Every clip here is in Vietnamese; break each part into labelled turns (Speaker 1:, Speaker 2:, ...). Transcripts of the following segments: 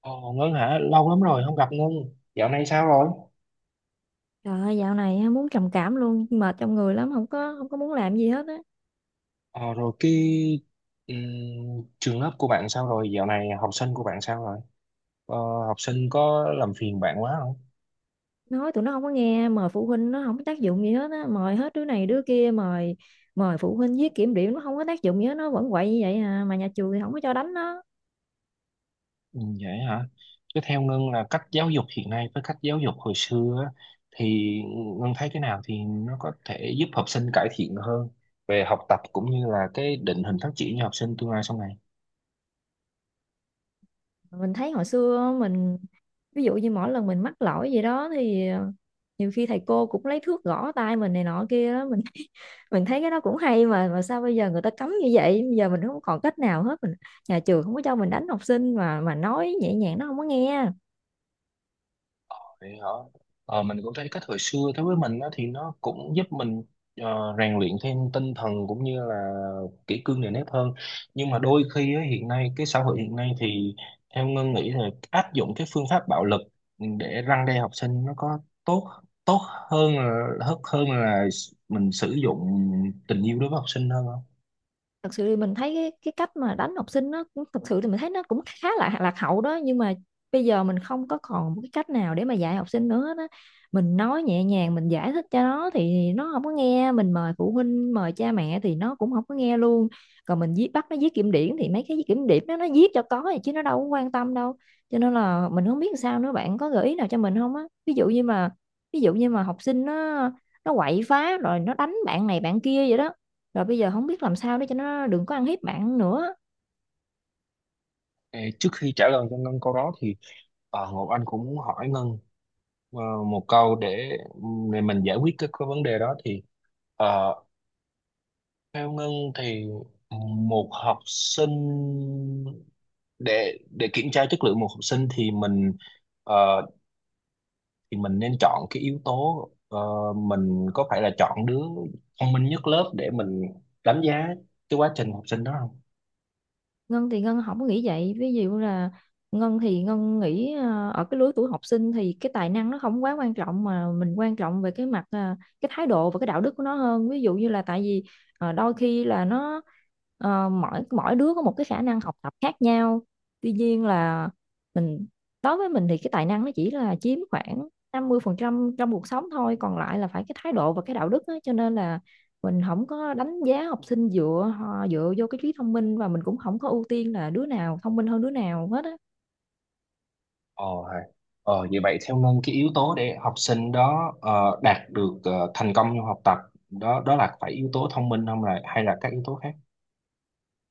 Speaker 1: Ờ, Ngân hả? Lâu lắm rồi không gặp Ngân. Dạo này sao rồi?
Speaker 2: Trời ơi, dạo này á, muốn trầm cảm luôn, mệt trong người lắm, không có muốn làm gì hết á.
Speaker 1: Ờ, rồi cái ừm, trường lớp của bạn sao rồi? Dạo này học sinh của bạn sao rồi? Ờ, học sinh có làm phiền bạn quá không?
Speaker 2: Nói tụi nó không có nghe, mời phụ huynh nó không có tác dụng gì hết á, mời hết đứa này đứa kia, mời mời phụ huynh viết kiểm điểm nó không có tác dụng gì hết, nó vẫn quậy như vậy à, mà nhà trường thì không có cho đánh nó.
Speaker 1: Ừ, vậy hả? Chứ theo Ngân là cách giáo dục hiện nay với cách giáo dục hồi xưa á, thì Ngân thấy cái nào thì nó có thể giúp học sinh cải thiện hơn về học tập cũng như là cái định hình phát triển cho học sinh tương lai sau này.
Speaker 2: Mình thấy hồi xưa á, mình ví dụ như mỗi lần mình mắc lỗi gì đó thì nhiều khi thầy cô cũng lấy thước gõ tay mình này nọ kia á. Mình mình thấy cái đó cũng hay, mà sao bây giờ người ta cấm như vậy. Bây giờ mình không còn cách nào hết, mình, nhà trường không có cho mình đánh học sinh, mà nói nhẹ nhàng nó không có nghe.
Speaker 1: Vậy hả? Ờ, mình cũng thấy cách hồi xưa đối với mình đó, thì nó cũng giúp mình rèn luyện thêm tinh thần cũng như là kỷ cương nề nếp hơn. Nhưng mà đôi khi á, hiện nay cái xã hội hiện nay thì theo Ngân nghĩ là áp dụng cái phương pháp bạo lực để răn đe học sinh nó có tốt tốt hơn là mình sử dụng tình yêu đối với học sinh hơn không?
Speaker 2: Thật sự thì mình thấy cái cách mà đánh học sinh nó cũng- thật sự thì mình thấy nó cũng khá là lạc hậu đó, nhưng mà bây giờ mình không có còn một cái cách nào để mà dạy học sinh nữa đó. Mình nói nhẹ nhàng, mình giải thích cho nó thì nó không có nghe, mình mời phụ huynh mời cha mẹ thì nó cũng không có nghe luôn. Còn mình viết bắt nó viết kiểm điểm thì mấy cái kiểm điểm đó nó viết cho có vậy chứ nó đâu có quan tâm đâu. Cho nên là mình không biết làm sao nữa, bạn có gợi ý nào cho mình không á? Ví dụ như mà học sinh nó quậy phá rồi nó đánh bạn này bạn kia vậy đó, rồi bây giờ không biết làm sao để cho nó đừng có ăn hiếp bạn nữa.
Speaker 1: Ê, trước khi trả lời cho Ngân câu đó thì Ngọc Anh cũng muốn hỏi Ngân, Ờ, một câu để mình giải quyết cái vấn đề đó thì ờ, theo Ngân thì một học sinh, để kiểm tra chất lượng một học sinh thì ờ, mình nên chọn cái yếu tố, mình có phải là chọn đứa thông minh nhất lớp để mình đánh giá cái quá trình học sinh đó không?
Speaker 2: Ngân thì Ngân không có nghĩ vậy. Ví dụ là Ngân thì Ngân nghĩ ở cái lứa tuổi học sinh thì cái tài năng nó không quá quan trọng, mà mình quan trọng về cái mặt cái thái độ và cái đạo đức của nó hơn. Ví dụ như là tại vì đôi khi là nó, mỗi mỗi đứa có một cái khả năng học tập khác nhau. Tuy nhiên là mình, đối với mình thì cái tài năng nó chỉ là chiếm khoảng 50% trong cuộc sống thôi, còn lại là phải cái thái độ và cái đạo đức á. Cho nên là mình không có đánh giá học sinh dựa họ dựa vô cái trí thông minh, và mình cũng không có ưu tiên là đứa nào thông minh hơn đứa nào hết á.
Speaker 1: Ờ, hay. Ờ vậy vậy theo Ngân cái yếu tố để học sinh đó đạt được thành công trong học tập, đó đó là phải yếu tố thông minh không, là hay là các yếu tố khác?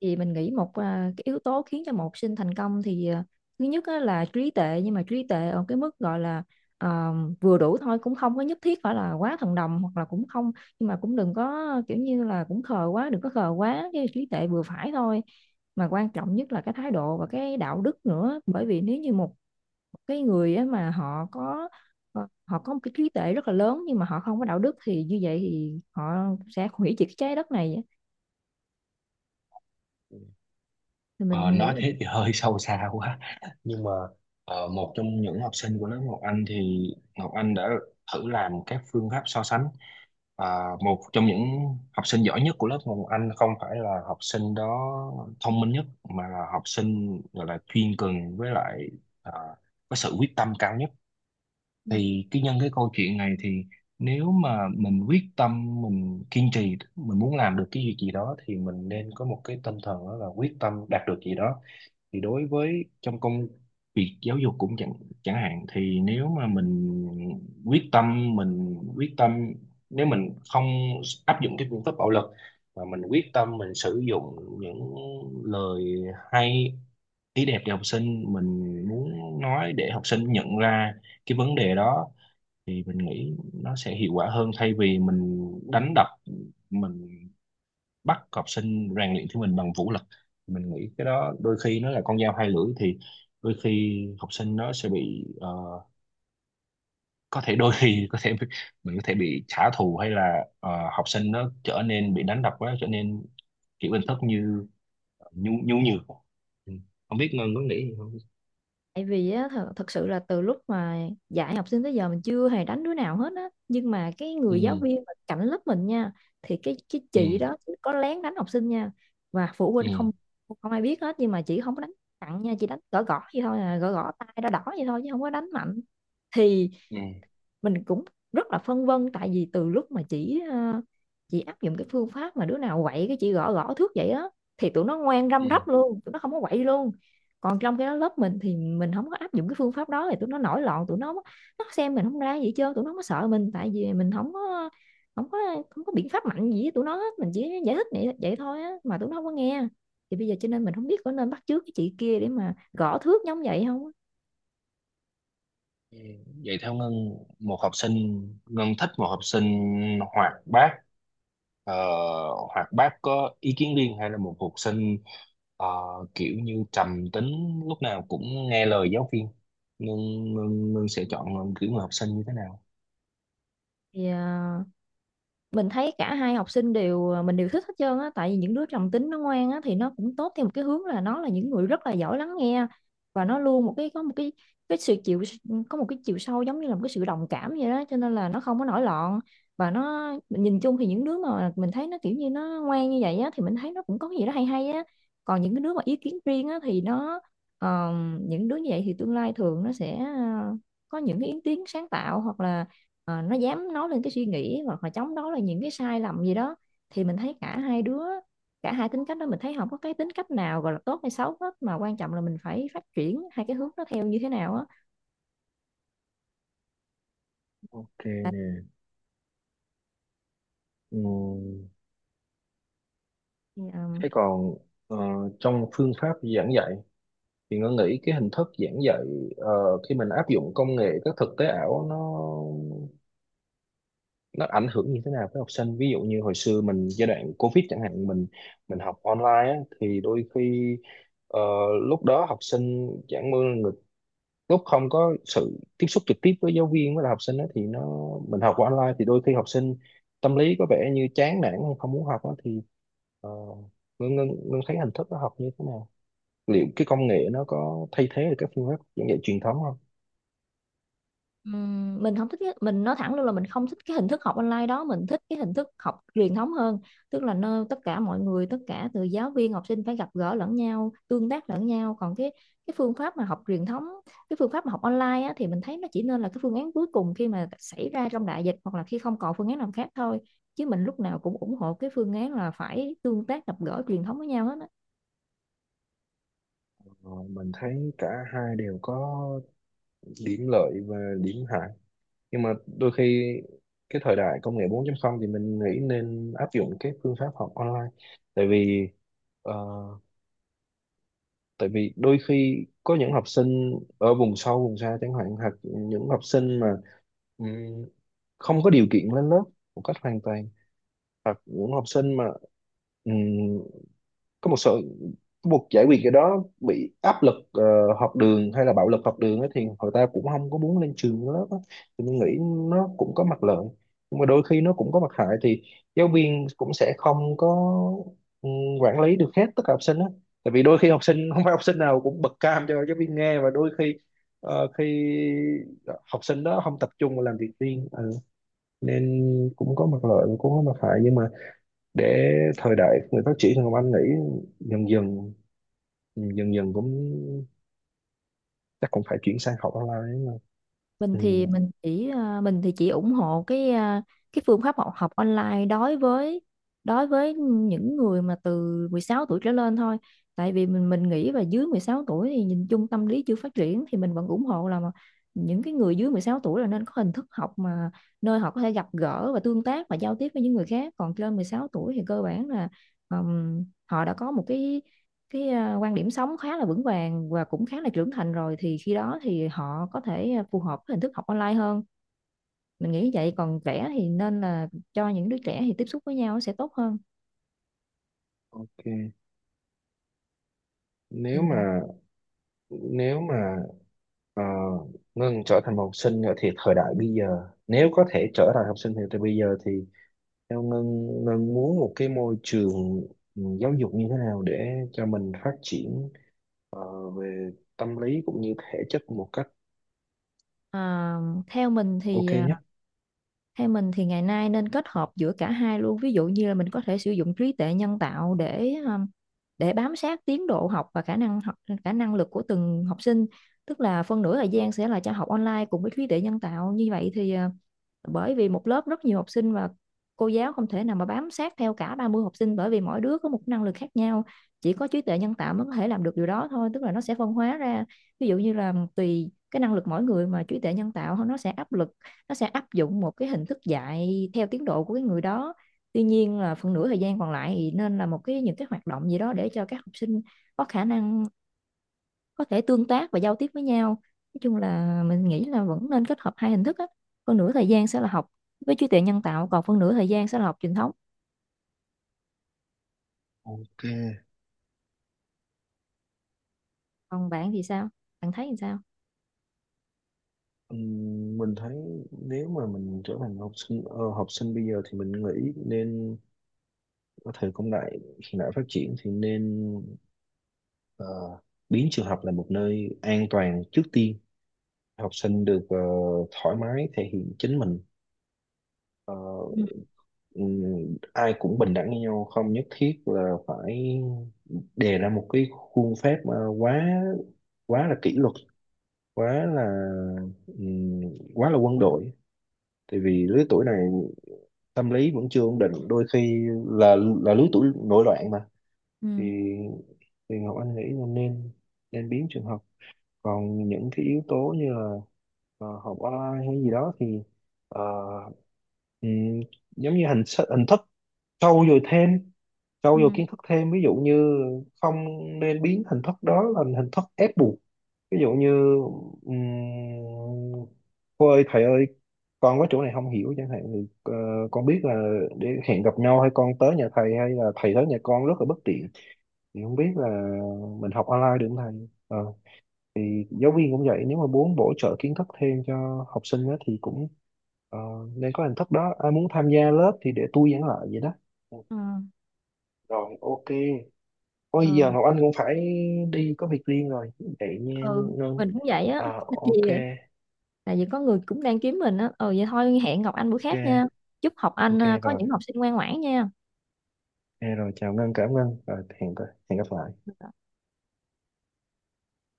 Speaker 2: Thì mình nghĩ một, cái yếu tố khiến cho một học sinh thành công thì thứ nhất á là trí tệ, nhưng mà trí tệ ở cái mức gọi là à, vừa đủ thôi, cũng không có nhất thiết phải là quá thần đồng, hoặc là cũng không, nhưng mà cũng đừng có kiểu như là cũng khờ quá, đừng có khờ quá, cái trí tệ vừa phải thôi. Mà quan trọng nhất là cái thái độ và cái đạo đức nữa, bởi vì nếu như một cái người á mà họ có một cái trí tuệ rất là lớn nhưng mà họ không có đạo đức thì như vậy thì họ sẽ hủy diệt cái trái đất này á. Thì
Speaker 1: Ờ,
Speaker 2: mình nghĩ
Speaker 1: nói
Speaker 2: là
Speaker 1: thế thì hơi sâu xa quá, nhưng mà một trong những học sinh của lớp Ngọc Anh thì Ngọc Anh đã thử làm các phương pháp so sánh. Một trong những học sinh giỏi nhất của lớp Ngọc Anh không phải là học sinh đó thông minh nhất, mà là học sinh gọi là chuyên cần, với lại ờ, có sự quyết tâm cao nhất.
Speaker 2: Ừ.
Speaker 1: Thì cái nhân cái câu chuyện này, thì nếu mà mình quyết tâm, mình kiên trì, mình muốn làm được cái việc gì đó thì mình nên có một cái tinh thần, đó là quyết tâm đạt được gì đó. Thì đối với trong công việc giáo dục cũng chẳng chẳng hạn, thì nếu mà mình quyết tâm nếu mình không áp dụng cái phương pháp bạo lực, mà mình quyết tâm mình sử dụng những lời hay ý đẹp để học sinh mình muốn nói, để học sinh nhận ra cái vấn đề đó, thì mình nghĩ nó sẽ hiệu quả hơn thay vì mình đánh đập, mình bắt học sinh rèn luyện thi mình bằng vũ lực. Mình nghĩ cái đó đôi khi nó là con dao hai lưỡi, thì đôi khi học sinh nó sẽ bị có thể đôi khi có thể mình có thể bị trả thù, hay là học sinh nó trở nên bị đánh đập quá, trở nên kiểu hình thức như nhu nhu nhược Ừ. Không biết Ngân có nghĩ gì không?
Speaker 2: Tại vì á, thật sự là từ lúc mà dạy học sinh tới giờ mình chưa hề đánh đứa nào hết á, nhưng mà cái người giáo
Speaker 1: Ừ.
Speaker 2: viên mà cạnh lớp mình nha, thì cái
Speaker 1: Ừ.
Speaker 2: chị đó chị có lén đánh học sinh nha, và phụ
Speaker 1: Ừ.
Speaker 2: huynh không, không ai biết hết, nhưng mà chị không có đánh nặng nha, chị đánh gõ gõ vậy thôi à, gõ gõ tay đỏ đỏ vậy thôi chứ không có đánh mạnh. Thì mình cũng rất là phân vân, tại vì từ lúc mà chị áp dụng cái phương pháp mà đứa nào quậy cái chị gõ gõ thước vậy á, thì tụi nó ngoan
Speaker 1: Ừ.
Speaker 2: răm rắp luôn, tụi nó không có quậy luôn. Còn trong cái đó lớp mình thì mình không có áp dụng cái phương pháp đó thì tụi nó nổi loạn, tụi nó xem mình không ra gì hết trơn, tụi nó không có sợ mình tại vì mình không có không có biện pháp mạnh gì với tụi nó hết. Mình chỉ giải thích vậy thôi á mà tụi nó không có nghe. Thì bây giờ cho nên mình không biết có nên bắt chước cái chị kia để mà gõ thước giống vậy không á.
Speaker 1: Ừ, vậy theo Ngân một học sinh, Ngân thích một học sinh ờ, hoạt bát có ý kiến riêng, hay là một học sinh ờ, kiểu như trầm tính, lúc nào cũng nghe lời giáo viên, Ngân, Ngân sẽ chọn kiểu người học sinh như thế nào?
Speaker 2: Thì mình thấy cả hai học sinh đều, mình đều thích hết trơn á, tại vì những đứa trầm tính nó ngoan á thì nó cũng tốt theo một cái hướng, là nó là những người rất là giỏi lắng nghe. Và nó luôn một cái, có một cái sự chịu, có một cái chiều sâu giống như là một cái sự đồng cảm vậy đó, cho nên là nó không có nổi loạn. Và nó, mình nhìn chung thì những đứa mà mình thấy nó kiểu như nó ngoan như vậy á thì mình thấy nó cũng có cái gì đó hay hay á. Còn những cái đứa mà ý kiến riêng á thì ờ, những đứa như vậy thì tương lai thường nó sẽ, có những cái ý kiến sáng tạo, hoặc là nó dám nói lên cái suy nghĩ hoặc là chống đối là những cái sai lầm gì đó. Thì mình thấy cả hai đứa, cả hai tính cách đó mình thấy không có cái tính cách nào gọi là tốt hay xấu hết, mà quan trọng là mình phải phát triển hai cái hướng nó theo như thế nào á.
Speaker 1: Ok nè. Ừ.
Speaker 2: Thì,
Speaker 1: Thế còn ờ, trong phương pháp giảng dạy, thì Ngân nghĩ cái hình thức giảng dạy ờ, khi mình áp dụng công nghệ các thực tế ảo, nó ảnh hưởng như thế nào với học sinh? Ví dụ như hồi xưa mình giai đoạn Covid chẳng hạn, mình học online á, thì đôi khi ờ, lúc đó học sinh chẳng mưa người, lúc không có sự tiếp xúc trực tiếp với giáo viên với lại học sinh á, thì nó mình học qua online thì đôi khi học sinh tâm lý có vẻ như chán nản, hay không muốn học á, thì ờ, Ngân thấy hình thức nó học như thế nào, liệu cái công nghệ nó có thay thế được các phương pháp giảng dạy truyền thống không?
Speaker 2: Mình không thích mình nói thẳng luôn là mình không thích cái hình thức học online đó, mình thích cái hình thức học truyền thống hơn. Tức là nơi tất cả mọi người, tất cả từ giáo viên học sinh phải gặp gỡ lẫn nhau, tương tác lẫn nhau. Còn cái phương pháp mà học truyền thống, cái phương pháp mà học online á, thì mình thấy nó chỉ nên là cái phương án cuối cùng khi mà xảy ra trong đại dịch, hoặc là khi không còn phương án nào khác thôi. Chứ mình lúc nào cũng ủng hộ cái phương án là phải tương tác gặp gỡ truyền thống với nhau hết á.
Speaker 1: Ờ, mình thấy cả hai đều có điểm lợi và điểm hại, nhưng mà đôi khi cái thời đại công nghệ 4.0 thì mình nghĩ nên áp dụng cái phương pháp học online, tại vì ờ, tại vì đôi khi có những học sinh ở vùng sâu vùng xa chẳng hạn, hoặc những học sinh mà ừm, không có điều kiện lên lớp một cách hoàn toàn, hoặc những học sinh mà có một sự buộc giải quyết cái đó, bị áp lực học đường hay là bạo lực học đường ấy, thì người ta cũng không có muốn lên trường lớp á. Thì mình nghĩ nó cũng có mặt lợi, nhưng mà đôi khi nó cũng có mặt hại, thì giáo viên cũng sẽ không có ừ, quản lý được hết tất cả học sinh á, tại vì đôi khi học sinh không phải học sinh nào cũng bật cam cho giáo viên nghe, và khi học sinh đó không tập trung, vào làm việc riêng. Ừ. Nên cũng có mặt lợi và cũng có mặt hại, nhưng mà để thời đại người phát triển hơn, anh nghĩ dần dần dần dần cũng chắc cũng phải chuyển sang học online mà.
Speaker 2: mình thì
Speaker 1: Ừ.
Speaker 2: mình chỉ à, mình thì chỉ ủng hộ cái phương pháp học học online đối với những người mà từ 16 tuổi trở lên thôi. Tại vì mình nghĩ là dưới 16 tuổi thì nhìn chung tâm lý chưa phát triển, thì mình vẫn ủng hộ là mà những cái người dưới 16 tuổi là nên có hình thức học mà nơi họ có thể gặp gỡ và tương tác và giao tiếp với những người khác. Còn trên 16 tuổi thì cơ bản là họ đã có một cái quan điểm sống khá là vững vàng và cũng khá là trưởng thành rồi, thì khi đó thì họ có thể, phù hợp với hình thức học online hơn. Mình nghĩ vậy, còn trẻ thì nên là, cho những đứa trẻ thì tiếp xúc với nhau sẽ tốt hơn.
Speaker 1: Ok.
Speaker 2: Thì,
Speaker 1: Nếu mà nếu mà ờ, Ngân trở thành một học sinh nữa, thì thời đại bây giờ nếu có thể trở thành học sinh thì từ bây giờ thì theo Ngân, Ngân muốn một cái môi trường, giáo dục như thế nào để cho mình phát triển về tâm lý cũng như thể chất một cách
Speaker 2: à, theo mình thì
Speaker 1: ok
Speaker 2: à,
Speaker 1: nhất?
Speaker 2: theo mình thì ngày nay nên kết hợp giữa cả hai luôn. Ví dụ như là mình có thể sử dụng trí tuệ nhân tạo để, để bám sát tiến độ học và khả năng học, khả năng lực của từng học sinh. Tức là phân nửa thời gian sẽ là cho học online cùng với trí tuệ nhân tạo, như vậy thì bởi vì một lớp rất nhiều học sinh và cô giáo không thể nào mà bám sát theo cả 30 học sinh, bởi vì mỗi đứa có một năng lực khác nhau. Chỉ có trí tuệ nhân tạo mới có thể làm được điều đó thôi, tức là nó sẽ phân hóa ra. Ví dụ như là tùy cái năng lực mỗi người mà trí tuệ nhân tạo nó sẽ áp dụng một cái hình thức dạy theo tiến độ của cái người đó. Tuy nhiên là phần nửa thời gian còn lại thì nên là một cái những cái hoạt động gì đó để cho các học sinh có khả năng, có thể tương tác và giao tiếp với nhau. Nói chung là mình nghĩ là vẫn nên kết hợp hai hình thức á, phần nửa thời gian sẽ là học với trí tuệ nhân tạo, còn phần nửa thời gian sẽ là học truyền thống.
Speaker 1: Ok.
Speaker 2: Còn bạn thì sao, bạn thấy thì sao?
Speaker 1: Mình thấy nếu mà mình trở thành học sinh bây giờ, thì mình nghĩ nên, có thể công nghệ hiện đại phát triển thì nên ờ, biến trường học là một nơi an toàn trước tiên, học sinh được thoải mái thể hiện chính mình. Ờ,
Speaker 2: Ừ.
Speaker 1: ừm, Ai cũng bình đẳng với nhau, không nhất thiết là phải đề ra một cái khuôn phép mà quá quá là kỷ luật, quá là ừm, quá là quân đội, tại vì lứa tuổi này tâm lý vẫn chưa ổn định, đôi khi là lứa tuổi nổi loạn mà,
Speaker 2: Ừ
Speaker 1: thì thì Ngọc Anh nghĩ là nên nên biến trường học. Còn những cái yếu tố như là học online hay gì đó thì ờ, ừm, giống như hình thức trau dồi thêm, trau dồi
Speaker 2: ừ
Speaker 1: kiến thức thêm, ví dụ như không nên biến hình thức đó thành hình thức ép buộc. Ví dụ như um, cô ơi thầy ơi, con có chỗ này không hiểu chẳng hạn, thì con biết là để hẹn gặp nhau hay con tới nhà thầy hay là thầy tới nhà con rất là bất tiện, thì không biết là mình học online được không thầy. Ờ, thì giáo viên cũng vậy, nếu mà muốn bổ trợ kiến thức thêm cho học sinh á, thì cũng ờ, nên có hình thức đó, ai muốn tham gia lớp thì để tôi giảng lại vậy đó. Ừ,
Speaker 2: ừ
Speaker 1: rồi. Ok. Ôi giờ
Speaker 2: ừ,
Speaker 1: Ngọc Anh cũng phải đi có việc riêng rồi, vậy nha
Speaker 2: ừ.
Speaker 1: Ngân.
Speaker 2: Mình cũng vậy á,
Speaker 1: À,
Speaker 2: tại vì
Speaker 1: ok.
Speaker 2: có người cũng đang kiếm mình á. Ừ, vậy thôi, hẹn gặp anh bữa khác nha.
Speaker 1: Ok.
Speaker 2: Chúc học anh
Speaker 1: Ok
Speaker 2: có
Speaker 1: rồi.
Speaker 2: những học sinh ngoan ngoãn nha.
Speaker 1: Ok rồi, chào Ngân, cảm ơn, rồi hẹn gặp lại.